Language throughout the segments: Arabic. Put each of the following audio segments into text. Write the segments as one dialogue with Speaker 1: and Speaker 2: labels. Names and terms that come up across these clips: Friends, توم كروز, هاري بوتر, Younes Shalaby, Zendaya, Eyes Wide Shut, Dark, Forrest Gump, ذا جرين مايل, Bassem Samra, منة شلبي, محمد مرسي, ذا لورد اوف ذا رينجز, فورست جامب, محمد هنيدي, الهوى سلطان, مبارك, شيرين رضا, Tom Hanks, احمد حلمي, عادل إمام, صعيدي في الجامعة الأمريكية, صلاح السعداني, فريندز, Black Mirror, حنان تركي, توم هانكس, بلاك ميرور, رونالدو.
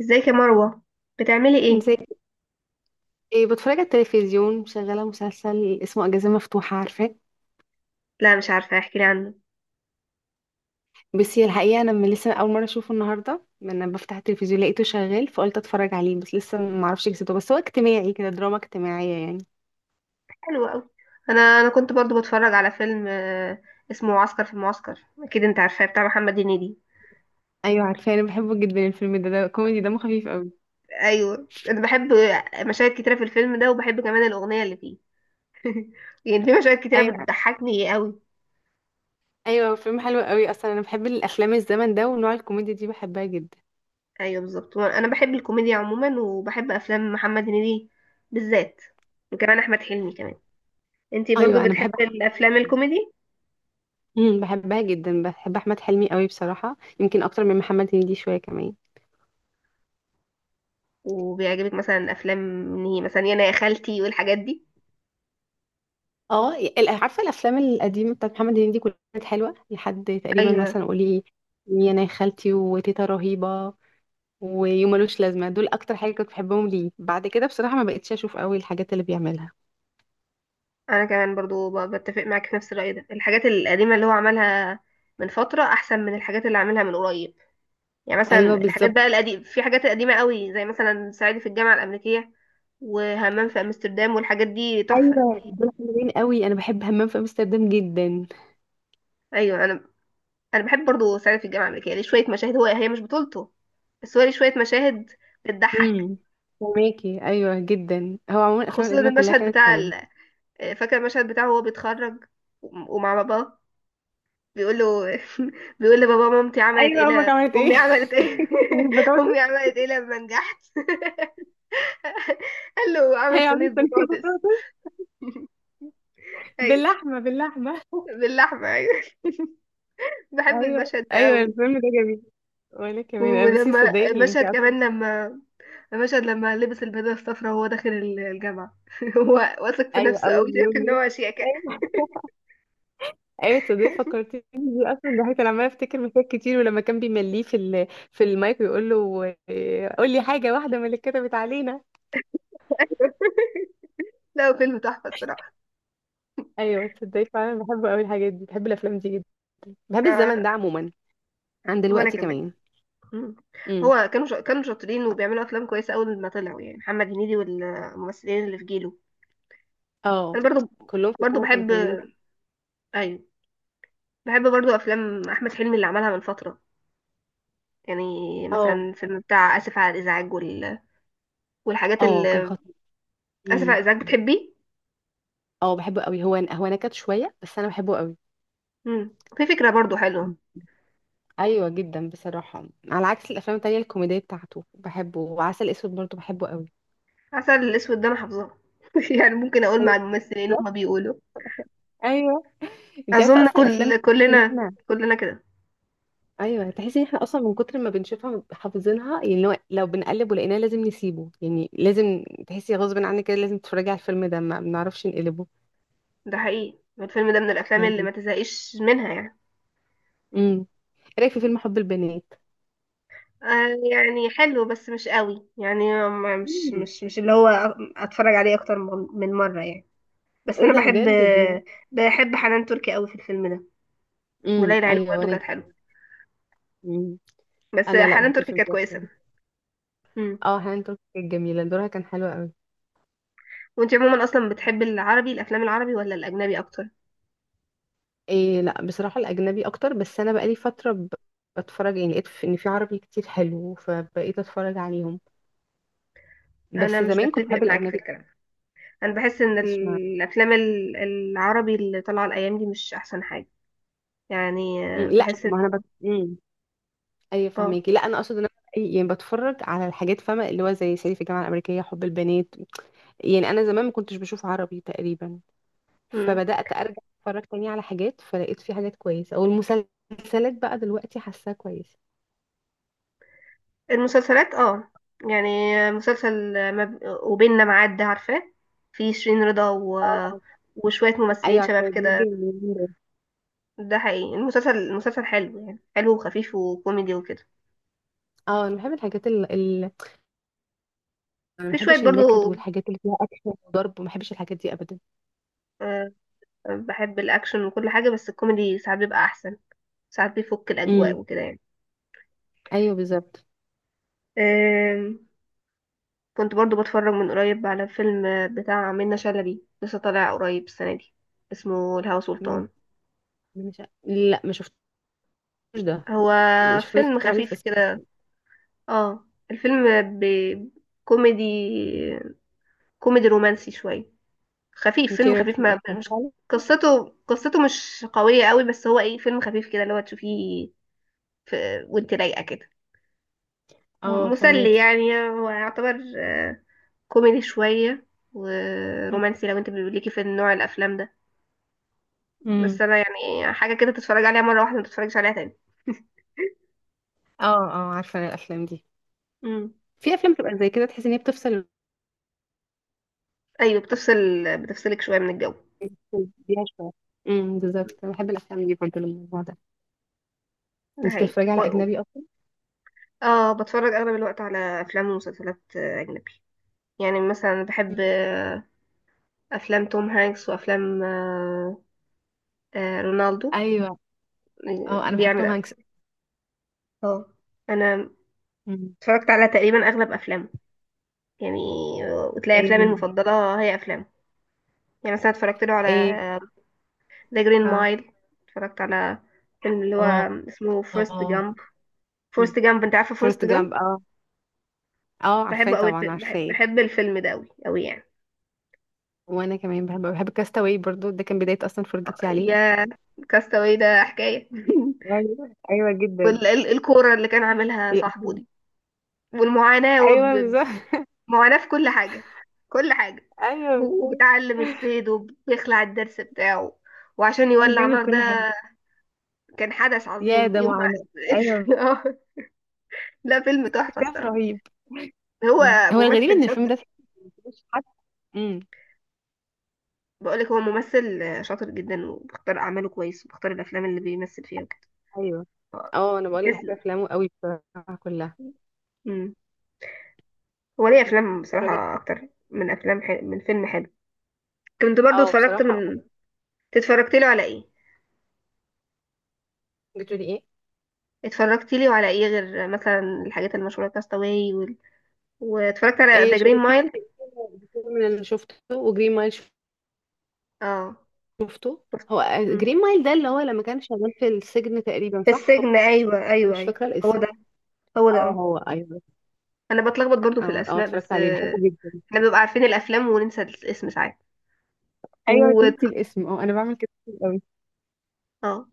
Speaker 1: ازيك يا مروة؟ بتعملي ايه؟
Speaker 2: زي ايه؟ بتفرج على التلفزيون، شغاله مسلسل اسمه اجازه مفتوحه، عارفاه؟
Speaker 1: لا مش عارفة، احكي لي عنه.
Speaker 2: بس هي الحقيقه انا من لسه اول مره اشوفه النهارده، من بفتح التلفزيون لقيته شغال فقلت اتفرج عليه، بس لسه ما اعرفش قصته، بس هو اجتماعي كده، دراما اجتماعيه يعني.
Speaker 1: حلو قوي. انا كنت برضو بتفرج على فيلم اسمه عسكر في المعسكر، اكيد انت عارفاه، بتاع محمد هنيدي.
Speaker 2: ايوه عارفاه، انا بحبه جدا الفيلم ده كوميدي دمه خفيف قوي.
Speaker 1: ايوه انا بحب مشاهد كتيرة في الفيلم ده، وبحب كمان الاغنية اللي فيه. يعني في مشاهد كتيرة
Speaker 2: ايوه
Speaker 1: بتضحكني قوي.
Speaker 2: ايوه، فيلم حلو قوي، اصلا انا بحب الافلام الزمن ده، ونوع الكوميديا دي بحبها جدا.
Speaker 1: ايوه بالظبط، انا بحب الكوميديا عموما، وبحب افلام محمد هنيدي بالذات، وكمان احمد حلمي كمان. انتي برضو
Speaker 2: ايوه انا بحب
Speaker 1: بتحبي
Speaker 2: احمد.
Speaker 1: الافلام الكوميدي؟
Speaker 2: بحبها جدا، بحب احمد حلمي قوي بصراحه، يمكن اكتر من محمد هنيدي شويه كمان.
Speaker 1: وبيعجبك مثلا افلام إن هي مثلا يانا يا خالتي والحاجات دي؟
Speaker 2: اه عارفه الافلام القديمه بتاعت محمد هنيدي كلها كانت حلوه لحد تقريبا
Speaker 1: ايوه
Speaker 2: مثلا، قولي يا انا يا خالتي، وتيتا رهيبه، ويوم ملوش لازمه، دول اكتر حاجه كنت بحبهم ليه، بعد كده بصراحه ما بقتش اشوف قوي الحاجات اللي بيعملها.
Speaker 1: انا كمان برضو بتفق معاك في نفس الرأي ده، الحاجات القديمة اللي هو عملها من فترة احسن من الحاجات اللي عاملها من قريب. يعني
Speaker 2: ايوه
Speaker 1: مثلا الحاجات
Speaker 2: بالظبط.
Speaker 1: بقى القديمة، في حاجات قديمة قوي زي مثلا صعيدي في الجامعة الأمريكية، وهمام في امستردام، والحاجات دي تحفة.
Speaker 2: ايوه دول حلوين قوي، انا بحب همام في امستردام جدا.
Speaker 1: ايوه انا بحب برضو صعيدي في الجامعة الأمريكية، ليه شوية مشاهد، هو هي مش بطولته، بس هو ليه شوية مشاهد بتضحك.
Speaker 2: امم فهماكي، ايوه جدا، هو عموما الافلام
Speaker 1: خصوصا
Speaker 2: القديمه كلها
Speaker 1: المشهد
Speaker 2: كانت
Speaker 1: بتاع
Speaker 2: حلوه.
Speaker 1: فاكر المشهد بتاعه وهو بيتخرج ومع باباه، بيقول له، بيقول لبابا: مامتي عملت ايه
Speaker 2: ايوه امك عملت ايه
Speaker 1: امي عملت ايه،
Speaker 2: صينيه
Speaker 1: امي
Speaker 2: بطاطس.
Speaker 1: عملت ايه لما نجحت؟ قال له عملت
Speaker 2: هي
Speaker 1: صينيه
Speaker 2: عملت صينيه
Speaker 1: بطاطس.
Speaker 2: بطاطس
Speaker 1: ايوه،
Speaker 2: باللحمه، باللحمه
Speaker 1: باللحمه ايوه. بحب
Speaker 2: ايوه.
Speaker 1: المشهد ده
Speaker 2: ايوه
Speaker 1: قوي.
Speaker 2: الفيلم ده جميل، وانا كمان انا بس
Speaker 1: ولما
Speaker 2: تصدقي اللي انت
Speaker 1: مشهد
Speaker 2: اصلا.
Speaker 1: كمان، لما مشهد لما لبس البيضه الصفراء وهو داخل الجامعه، هو واثق في
Speaker 2: ايوه
Speaker 1: نفسه
Speaker 2: اول
Speaker 1: قوي، شايف
Speaker 2: يوم
Speaker 1: ان
Speaker 2: ليه.
Speaker 1: هو شياكه.
Speaker 2: ايوه ايوه تصدقي فكرتيني بيه، اصلا ده انا عماله افتكر مشاهد كتير، ولما كان بيمليه في المايك ويقول له إيه، قول لي حاجه واحده من اللي كتبت علينا.
Speaker 1: لا هو فيلم تحفه الصراحه.
Speaker 2: ايوه تصدقي فعلا، بحب قوي الحاجات دي، بحب الافلام دي جدا، بحب
Speaker 1: آه،
Speaker 2: الزمن ده عموما عن
Speaker 1: وانا
Speaker 2: دلوقتي
Speaker 1: كمان.
Speaker 2: كمان.
Speaker 1: مم.
Speaker 2: امم.
Speaker 1: هو كانوا كانوا شاطرين وبيعملوا افلام كويسه اول ما طلعوا، يعني محمد هنيدي والممثلين اللي في جيله. انا
Speaker 2: اه
Speaker 1: برضو.
Speaker 2: كلهم في
Speaker 1: برضو
Speaker 2: الاول كانوا
Speaker 1: بحب.
Speaker 2: حلوين.
Speaker 1: ايوه بحب برضو افلام احمد حلمي اللي عملها من فتره، يعني
Speaker 2: اه
Speaker 1: مثلا فيلم بتاع اسف على الازعاج والحاجات
Speaker 2: اه كان
Speaker 1: اللي،
Speaker 2: خطير.
Speaker 1: اسف على
Speaker 2: امم.
Speaker 1: الازعاج بتحبي؟
Speaker 2: اه بحبه قوي، هو نكت شويه بس انا بحبه
Speaker 1: امم، في فكره برضو حلوه.
Speaker 2: قوي. ايوه جدا بصراحه، على عكس الافلام التانية الكوميديه بتاعته بحبه، وعسل اسود برضه بحبه قوي.
Speaker 1: عسل الاسود ده انا حافظاه، يعني ممكن اقول
Speaker 2: أيوة
Speaker 1: مع الممثلين
Speaker 2: بالظبط.
Speaker 1: هما بيقولوا.
Speaker 2: أيوة. انت عارفه
Speaker 1: اظن
Speaker 2: اصلا الافلام دي
Speaker 1: كل
Speaker 2: تحس ان
Speaker 1: كلنا
Speaker 2: احنا.
Speaker 1: كلنا كده.
Speaker 2: ايوه تحس ان احنا اصلا من كتر ما بنشوفها حافظينها، يعني لو بنقلب ولقيناه لازم نسيبه، يعني لازم تحسي غصب عنك كده لازم تتفرجي على الفيلم ده، ما بنعرفش نقلبه
Speaker 1: ده حقيقي، الفيلم ده من الافلام
Speaker 2: الافلام
Speaker 1: اللي
Speaker 2: دي.
Speaker 1: ما تزهقش منها يعني.
Speaker 2: امم. إيه رايك في فيلم حب البنات؟
Speaker 1: آه يعني حلو بس مش قوي يعني، ما- مش
Speaker 2: مم.
Speaker 1: مش مش اللي هو اتفرج عليه اكتر من مره يعني. بس
Speaker 2: ايه
Speaker 1: انا
Speaker 2: ده
Speaker 1: بحب،
Speaker 2: بجد دي.
Speaker 1: بحب حنان تركي قوي في الفيلم ده، وليلى علوي
Speaker 2: ايوه
Speaker 1: برضه
Speaker 2: وانا.
Speaker 1: كانت حلوه،
Speaker 2: مم.
Speaker 1: بس
Speaker 2: انا لا
Speaker 1: حنان
Speaker 2: بحب
Speaker 1: تركي
Speaker 2: الفيلم
Speaker 1: كانت
Speaker 2: ده
Speaker 1: كويسه.
Speaker 2: بصراحة.
Speaker 1: امم،
Speaker 2: اه هانت كانت جميله، دورها كان حلو قوي.
Speaker 1: وانت عموما اصلا بتحب العربي، الافلام العربي ولا الاجنبي اكتر؟
Speaker 2: إيه لا بصراحة الأجنبي أكتر، بس أنا بقالي فترة بتفرج يعني، لقيت إن في عربي كتير حلو فبقيت أتفرج عليهم،
Speaker 1: انا
Speaker 2: بس
Speaker 1: مش
Speaker 2: زمان كنت
Speaker 1: بتفق
Speaker 2: بحب
Speaker 1: معاكي في
Speaker 2: الأجنبي.
Speaker 1: الكلام، انا بحس ان
Speaker 2: اسمع.
Speaker 1: الافلام العربي اللي طالعه الايام دي مش احسن حاجه، يعني
Speaker 2: مم، لا
Speaker 1: بحس ان.
Speaker 2: ما أنا بت... مم. أيوة
Speaker 1: اه.
Speaker 2: فهميكي، لا أنا أقصد إن أنا يعني بتفرج على الحاجات فاهمة، اللي هو زي صعيدي في الجامعة الأمريكية، حب البنات، يعني أنا زمان ما كنتش بشوف عربي تقريبا،
Speaker 1: امم.
Speaker 2: فبدأت أرجع أتفرج تاني على حاجات، فلقيت في حاجات كويسة، أو المسلسلات بقى دلوقتي حاساها كويسة.
Speaker 1: المسلسلات اه، يعني مسلسل وبيننا معاد ده عارفاه؟ في شيرين رضا
Speaker 2: اه
Speaker 1: وشويه
Speaker 2: ايوه
Speaker 1: ممثلين شباب
Speaker 2: عارفه، بيجي
Speaker 1: كده.
Speaker 2: من اليومين دول.
Speaker 1: ده حقيقي، المسلسل، المسلسل حلو، يعني حلو وخفيف وكوميدي وكده.
Speaker 2: اه انا بحب الحاجات، انا ما
Speaker 1: في شوية
Speaker 2: بحبش النكد
Speaker 1: برضو.
Speaker 2: والحاجات اللي فيها اكشن وضرب، وما بحبش الحاجات دي ابدا.
Speaker 1: آه، بحب الأكشن وكل حاجة، بس الكوميدي ساعات بيبقى أحسن، ساعات بيفك الأجواء
Speaker 2: امم
Speaker 1: وكده يعني.
Speaker 2: ايوه بالظبط.
Speaker 1: آم، كنت برضو بتفرج من قريب على فيلم بتاع منة شلبي، لسه طالع قريب السنة دي، اسمه الهوى
Speaker 2: مم.
Speaker 1: سلطان.
Speaker 2: أنا مش لا ما شفتوش ده،
Speaker 1: هو
Speaker 2: يعني شفت ناس
Speaker 1: فيلم
Speaker 2: بتتكلم عليه بس
Speaker 1: خفيف كده. اه الفيلم بكوميدي كوميدي كوميدي رومانسي شوية، خفيف،
Speaker 2: انت ايه
Speaker 1: فيلم
Speaker 2: رايك
Speaker 1: خفيف،
Speaker 2: فيه
Speaker 1: ما
Speaker 2: اصلا
Speaker 1: مش،
Speaker 2: فعلا؟
Speaker 1: قصته، قصته مش قوية قوي، بس هو ايه، فيلم خفيف كده اللي هو تشوفيه في وانت رايقة كده،
Speaker 2: اه
Speaker 1: مسلي
Speaker 2: فهماكي.
Speaker 1: يعني، هو يعتبر كوميدي شوية ورومانسي، لو انت ليكي في النوع الافلام ده، بس
Speaker 2: امم.
Speaker 1: انا يعني حاجة كده تتفرج عليها مرة واحدة، ما تتفرجش عليها تاني.
Speaker 2: اه اه عارفه أنا الافلام دي،
Speaker 1: امم،
Speaker 2: في افلام بتبقى زي كده تحس ان هي بتفصل
Speaker 1: ايوه بتفصل، بتفصلك شوية من الجو.
Speaker 2: بيها شويه. بالظبط، انا بحب الافلام دي برضه للموضوع ده.
Speaker 1: ده
Speaker 2: انت
Speaker 1: حقيقي
Speaker 2: بتتفرجي على اجنبي اصلا؟
Speaker 1: اه، بتفرج اغلب الوقت على افلام ومسلسلات اجنبي، يعني مثلا بحب
Speaker 2: مم.
Speaker 1: افلام توم هانكس، وافلام آه رونالدو،
Speaker 2: ايوه.
Speaker 1: يعني
Speaker 2: اه انا بحب توم
Speaker 1: بيعمل،
Speaker 2: هانكس.
Speaker 1: اه انا
Speaker 2: مم.
Speaker 1: اتفرجت على تقريبا اغلب افلامه يعني، وتلاقي افلامي
Speaker 2: ايه.
Speaker 1: المفضله هي افلامه، يعني مثلا اتفرجت له على
Speaker 2: ايه.
Speaker 1: ذا جرين
Speaker 2: اه.
Speaker 1: مايل، اتفرجت على فيلم اللي هو اسمه فورست
Speaker 2: اه
Speaker 1: جامب، فورست جامب، انت عارفه فورست
Speaker 2: فيرست
Speaker 1: جامب؟
Speaker 2: جامب، اه Forrest Gump. اه عارفاه
Speaker 1: بحبه قوي،
Speaker 2: طبعا
Speaker 1: بحب,
Speaker 2: عارفاه.
Speaker 1: بحب الفيلم ده قوي قوي يعني.
Speaker 2: وانا كمان بحب كاستاوي برضو، ده كان بداية اصلا فرجتي عليه.
Speaker 1: يا كاستاوي ده حكايه،
Speaker 2: ايوه ايوه جدا.
Speaker 1: والكوره اللي كان عاملها
Speaker 2: هي
Speaker 1: صاحبه
Speaker 2: أكيد.
Speaker 1: دي، والمعاناه، هو
Speaker 2: ايوه بالظبط.
Speaker 1: معاناة في كل حاجة، كل حاجة،
Speaker 2: ايوه
Speaker 1: هو
Speaker 2: بالظبط.
Speaker 1: بيتعلم الصيد وبيخلع الدرس بتاعه وعشان
Speaker 2: أنا
Speaker 1: يولع
Speaker 2: بيعمل
Speaker 1: نار ده،
Speaker 2: كل حاجه.
Speaker 1: كان حدث
Speaker 2: يا
Speaker 1: عظيم
Speaker 2: ده
Speaker 1: يوم
Speaker 2: معاناة. ايوه.
Speaker 1: ما. لا فيلم تحفة
Speaker 2: اكتشاف
Speaker 1: الصراحة.
Speaker 2: رهيب. مم.
Speaker 1: هو
Speaker 2: هو الغريب
Speaker 1: ممثل
Speaker 2: ان الفيلم
Speaker 1: شاطر،
Speaker 2: ده مش حد. امم.
Speaker 1: بقولك هو ممثل شاطر جدا، وبختار أعماله كويس، وبختار الأفلام اللي بيمثل فيها وكده.
Speaker 2: ايوه.
Speaker 1: آه،
Speaker 2: اه انا بقولك بحب
Speaker 1: تسلم.
Speaker 2: افلامه قوي بصراحه كلها.
Speaker 1: مم. هو ليه أفلام
Speaker 2: رجعت.
Speaker 1: بصراحة أكتر من أفلام من فيلم حلو. كنت برضو
Speaker 2: اه
Speaker 1: اتفرجت
Speaker 2: بصراحه اه.
Speaker 1: من، اتفرجت له على ايه،
Speaker 2: بتقولي ايه؟
Speaker 1: اتفرجت له على ايه غير مثلا الحاجات المشهورة كاستاوي، واتفرجت على
Speaker 2: ايه
Speaker 1: ذا جرين
Speaker 2: شايفين.
Speaker 1: مايل.
Speaker 2: الفيلم اللي شفته، وجرين مايل
Speaker 1: اه
Speaker 2: شفته.
Speaker 1: شفته.
Speaker 2: هو
Speaker 1: مم.
Speaker 2: جرين مايل ده اللي هو لما كان شغال في السجن تقريبا،
Speaker 1: في
Speaker 2: صح هو.
Speaker 1: السجن ايوه
Speaker 2: انا
Speaker 1: ايوه
Speaker 2: مش
Speaker 1: ايوه.
Speaker 2: فاكره
Speaker 1: هو
Speaker 2: الاسم.
Speaker 1: ده، هو ده
Speaker 2: اه
Speaker 1: اه.
Speaker 2: هو ايوه.
Speaker 1: انا بتلخبط برضو في
Speaker 2: اه اه
Speaker 1: الاسماء
Speaker 2: اتفرجت
Speaker 1: بس،
Speaker 2: عليه بحبه جدا.
Speaker 1: احنا بنبقى عارفين الافلام وننسى الاسم ساعات
Speaker 2: ايوه
Speaker 1: و
Speaker 2: تنسي الاسم، اه انا بعمل كده كتير قوي.
Speaker 1: اه.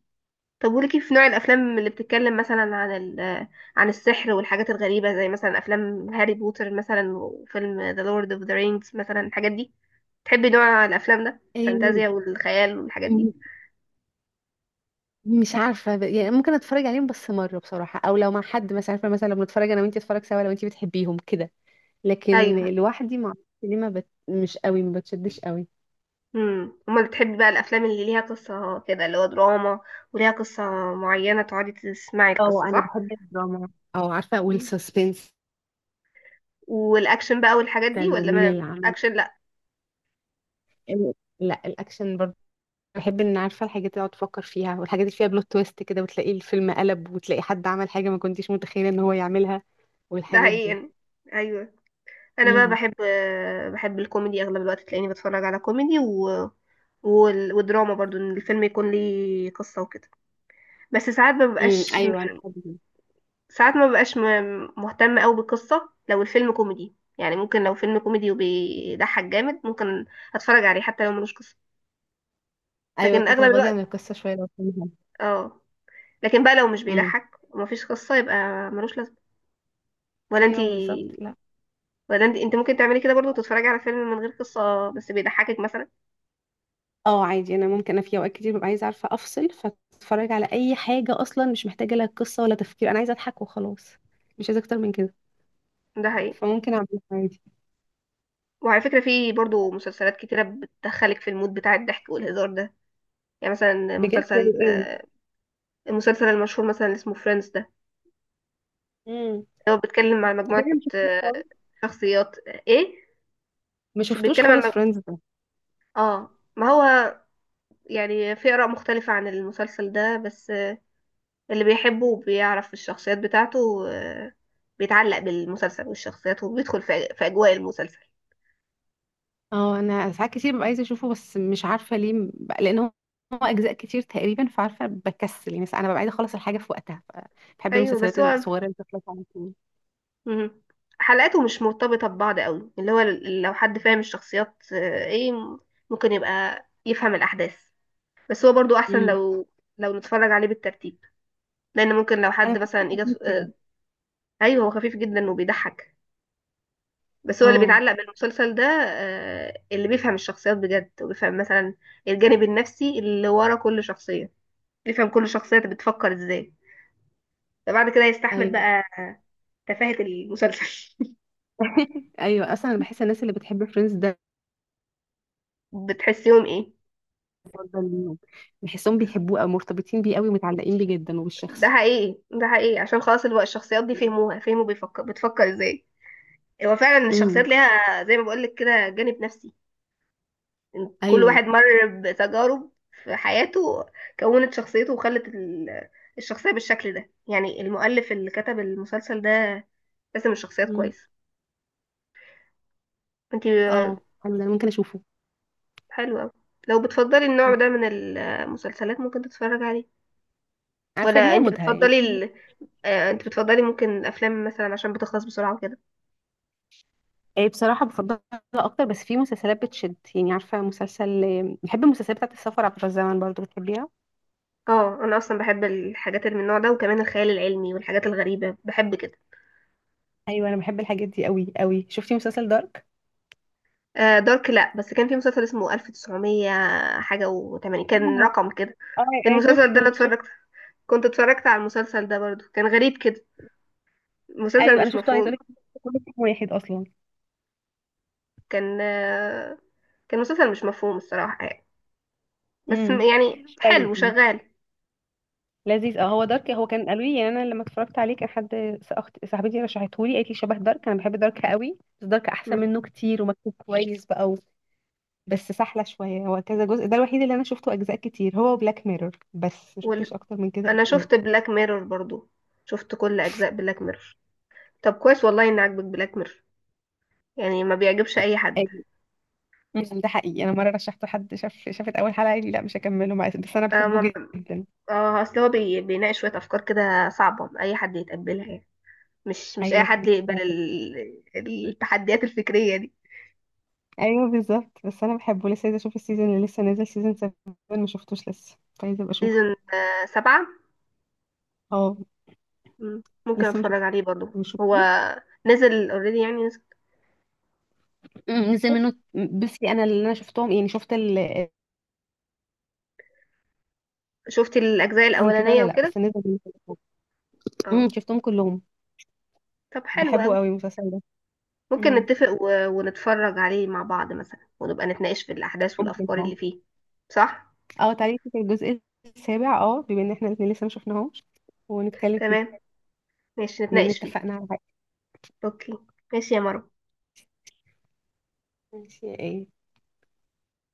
Speaker 1: طب وليكي في نوع الافلام اللي بتتكلم مثلا عن ال... آه، عن السحر والحاجات الغريبه، زي مثلا افلام هاري بوتر مثلا، وفيلم ذا لورد اوف ذا رينجز مثلا، الحاجات دي، تحبي نوع الافلام ده،
Speaker 2: إيه،
Speaker 1: الفانتازيا والخيال والحاجات دي؟
Speaker 2: م- مش عارفه يعني ممكن اتفرج عليهم بس مره بصراحه، او لو مع حد مثلا، عارفه مثلا لو بنتفرج انا وانتي اتفرج سوا، لو انتي بتحبيهم كده، لكن
Speaker 1: ايوه.
Speaker 2: لوحدي ما اعرفش ليه ما بت... مش قوي ما بتشدش قوي.
Speaker 1: امم، امال بتحبي بقى الافلام اللي ليها قصه كده اللي هو دراما، وليها قصه معينه تقعدي تسمعي
Speaker 2: اه
Speaker 1: القصه،
Speaker 2: انا
Speaker 1: صح؟
Speaker 2: بحب الدراما. اه عارفه
Speaker 1: مم.
Speaker 2: والسسبنس.
Speaker 1: والاكشن بقى والحاجات دي
Speaker 2: ده،
Speaker 1: ولا
Speaker 2: ومين
Speaker 1: ما؟
Speaker 2: اللي عمل.
Speaker 1: اكشن لا.
Speaker 2: لا الاكشن برضه، بحب ان عارفه الحاجات اللي اقعد افكر فيها، والحاجات اللي فيها بلوت تويست كده، وتلاقي الفيلم قلب، وتلاقي حد عمل حاجه ما كنتيش متخيله ان هو يعملها،
Speaker 1: ده
Speaker 2: والحاجات
Speaker 1: حقيقي
Speaker 2: دي.
Speaker 1: يعني. ايوه انا بقى
Speaker 2: امم.
Speaker 1: بحب، بحب الكوميدي اغلب الوقت، تلاقيني بتفرج على كوميدي ودراما برضو، ان الفيلم يكون ليه قصه وكده، بس ساعات ما ببقاش،
Speaker 2: ايوه انا بحب كده.
Speaker 1: ساعات ما ببقاش مهتمه قوي بالقصه لو الفيلم كوميدي، يعني ممكن لو فيلم كوميدي وبيضحك جامد ممكن اتفرج عليه حتى لو ملوش قصه.
Speaker 2: ايوه
Speaker 1: لكن اغلب
Speaker 2: تتغاضي
Speaker 1: الوقت
Speaker 2: عن القصه شويه لو فيها.
Speaker 1: اه، لكن بقى لو مش
Speaker 2: امم
Speaker 1: بيضحك ومفيش قصة يبقى ملوش لازمة. ولا
Speaker 2: ايوه
Speaker 1: انتي،
Speaker 2: بالظبط. لا
Speaker 1: ولا انتي انت ممكن تعملي كده برضو، تتفرجي على فيلم من غير قصة بس بيضحكك مثلا؟
Speaker 2: اه عادي، انا ممكن، انا في اوقات كتير ببقى عايزه عارفه افصل، فاتفرج على اي حاجه اصلا مش محتاجه لها قصه ولا تفكير، انا عايزه اضحك وخلاص، مش عايزه اكتر من كده.
Speaker 1: ده حقيقي.
Speaker 2: فممكن اعمل عادي.
Speaker 1: وعلى فكرة في برضو مسلسلات كتيرة بتدخلك في المود بتاع الضحك والهزار ده، يعني مثلا
Speaker 2: بجد زي
Speaker 1: مسلسل
Speaker 2: ايه؟
Speaker 1: المسلسل المشهور مثلا اللي اسمه فريندز ده،
Speaker 2: امم.
Speaker 1: هو بيتكلم عن
Speaker 2: ده أنا
Speaker 1: مجموعة
Speaker 2: ما شفتوش خالص،
Speaker 1: شخصيات آه، ايه
Speaker 2: ما
Speaker 1: مش
Speaker 2: شفتوش
Speaker 1: بيتكلم عن
Speaker 2: خالص فريندز.
Speaker 1: اه ما هو، يعني في آراء مختلفة عن المسلسل ده، بس اللي بيحبه وبيعرف الشخصيات بتاعته، بيتعلق بالمسلسل والشخصيات، وبيدخل في في أجواء المسلسل.
Speaker 2: اه انا ساعات كتير ببقى عايزه اشوفه، بس مش عارفه ليه، لان هو، هو اجزاء كتير تقريبا، فعارفه بكسل، يعني ساعات انا ببقى عايزه اخلص الحاجه في وقتها بحب
Speaker 1: أيوة
Speaker 2: المسلسلات
Speaker 1: بس هو،
Speaker 2: الصغيره اللي بتخلص على طول.
Speaker 1: مم. حلقاته مش مرتبطة ببعض قوي، اللي هو لو حد فاهم الشخصيات آه، ايه ممكن يبقى يفهم الأحداث، بس هو برضو أحسن
Speaker 2: امم.
Speaker 1: لو، لو نتفرج عليه بالترتيب، لأن ممكن لو
Speaker 2: انا
Speaker 1: حد
Speaker 2: بحسه
Speaker 1: مثلا إجا
Speaker 2: خفيف كده.
Speaker 1: أيوة هو خفيف جدا وبيضحك، بس هو اللي
Speaker 2: اه
Speaker 1: بيتعلق بالمسلسل ده اللي بيفهم الشخصيات بجد وبيفهم مثلا الجانب النفسي اللي ورا كل شخصية، يفهم كل شخصية بتفكر ازاي، فبعد كده يستحمل
Speaker 2: ايوه.
Speaker 1: بقى تفاهة المسلسل.
Speaker 2: ايوه اصلا انا بحس الناس اللي بتحب فريندز ده،
Speaker 1: بتحسيهم ايه؟
Speaker 2: أفضل ليهم. بحسهم بيحبوه او مرتبطين بيه قوي ومتعلقين بيه جدا
Speaker 1: ده
Speaker 2: وبالشخص.
Speaker 1: حقيقي، ده حقيقي، عشان خلاص الوقت الشخصيات دي فهموها، فهموا بيفكر بتفكر ازاي، هو فعلا
Speaker 2: امم.
Speaker 1: الشخصيات ليها زي ما بقولك كده جانب نفسي، إن كل
Speaker 2: ايوه.
Speaker 1: واحد مر بتجارب في حياته كونت شخصيته، وخلت الشخصية بالشكل ده، يعني المؤلف اللي كتب المسلسل ده رسم الشخصيات
Speaker 2: امم.
Speaker 1: كويس. انتي
Speaker 2: اه حلو، ده أنا ممكن اشوفه.
Speaker 1: حلوة أوي. لو بتفضلي النوع
Speaker 2: مم.
Speaker 1: ده من المسلسلات ممكن تتفرج عليه،
Speaker 2: عارفه
Speaker 1: ولا
Speaker 2: ليها
Speaker 1: انت
Speaker 2: مودها يعني.
Speaker 1: بتفضلي ال... آه، انت بتفضلي ممكن الافلام مثلا عشان بتخلص بسرعه وكده؟
Speaker 2: إيه بصراحة بفضلها أكتر، بس في مسلسلات بتشد، يعني عارفة مسلسل بحب المسلسلات بتاعت السفر عبر الزمن، برضو بتحبيها؟
Speaker 1: اه انا اصلا بحب الحاجات اللي من النوع ده، وكمان الخيال العلمي والحاجات الغريبه بحب كده.
Speaker 2: ايوه انا بحب الحاجات دي قوي قوي، شفتي مسلسل دارك؟
Speaker 1: آه دارك لا، بس كان في مسلسل اسمه 1900 حاجه وتمانين، كان
Speaker 2: اه.
Speaker 1: رقم كده.
Speaker 2: اه. ايه؟
Speaker 1: المسلسل ده انا
Speaker 2: شفت شفت.
Speaker 1: اتفرجت، كنت اتفرجت على المسلسل ده برضو، كان غريب كده، مسلسل
Speaker 2: أيوة أنا
Speaker 1: مش
Speaker 2: شفته عايزة
Speaker 1: مفهوم.
Speaker 2: أقولك، كله في واحد اصلا.
Speaker 1: كان آه، كان مسلسل مش مفهوم الصراحه يعني، بس
Speaker 2: امم.
Speaker 1: يعني
Speaker 2: شويه
Speaker 1: حلو
Speaker 2: يعني.
Speaker 1: شغال.
Speaker 2: لذيذ اه، هو دارك هو كان قالوا لي يعني، انا لما اتفرجت عليه كان حد، اخت صاحبتي رشحته لي، قالت لي شبه دارك، انا بحب دارك قوي، بس دارك احسن
Speaker 1: مم.
Speaker 2: منه كتير، ومكتوب كويس بقى، بس سحلة شوية، هو كذا جزء، ده الوحيد اللي أنا شفته أجزاء كتير هو بلاك ميرور، بس ما شفتش
Speaker 1: وال...
Speaker 2: أكتر من كده
Speaker 1: انا
Speaker 2: أجزاء.
Speaker 1: شفت بلاك ميرور برضو، شفت كل اجزاء بلاك ميرور. طب كويس والله ان عاجبك بلاك ميرور، يعني ما بيعجبش اي حد.
Speaker 2: أيوة. مم، ده حقيقي، أنا مرة رشحته حد، شاف شافت أول حلقة قال لي لا مش هكمله معاك، بس أنا
Speaker 1: اه
Speaker 2: بحبه جدا.
Speaker 1: اصل هو بيناقش شويه افكار كده صعبه اي حد يتقبلها، يعني مش اي
Speaker 2: أيوة كنت
Speaker 1: حد
Speaker 2: لسه
Speaker 1: يقبل
Speaker 2: هقول.
Speaker 1: التحديات الفكريه دي.
Speaker 2: أيوة بالظبط، بس أنا بحبه، لسه عايزة أشوف السيزون اللي لسه نازل، سيزون 7 ما شفتوش لسه، فعايزة أبقى أشوفه.
Speaker 1: سيزون سبعة.
Speaker 2: أه
Speaker 1: مم، ممكن
Speaker 2: لسه مش
Speaker 1: اتفرج عليه برضو.
Speaker 2: مش
Speaker 1: هو
Speaker 2: شفتوه.
Speaker 1: نزل اوريدي يعني نزل.
Speaker 2: مم، نزل منه، بصي أنا اللي أنا شفتهم يعني شفت ال،
Speaker 1: شفتي الاجزاء
Speaker 2: من كده
Speaker 1: الاولانيه
Speaker 2: ولا لا
Speaker 1: وكده؟
Speaker 2: بس نزل منه.
Speaker 1: اه
Speaker 2: مم، شفتهم كلهم.
Speaker 1: طب حلو
Speaker 2: بحبه
Speaker 1: قوي.
Speaker 2: قوي المسلسل ده.
Speaker 1: ممكن
Speaker 2: مم.
Speaker 1: نتفق ونتفرج عليه مع بعض مثلا، ونبقى نتناقش في الاحداث
Speaker 2: ممكن
Speaker 1: والافكار
Speaker 2: اه.
Speaker 1: اللي فيه، صح؟
Speaker 2: اه تعالي نشوف الجزء السابع، اه بما ان احنا الاتنين لسه ما شفناهوش، ونتكلم فيه،
Speaker 1: تمام، ماشي
Speaker 2: بما ان
Speaker 1: نتناقش فيه.
Speaker 2: اتفقنا على حاجة.
Speaker 1: اوكي، ماشي يا مروة.
Speaker 2: ماشي ايه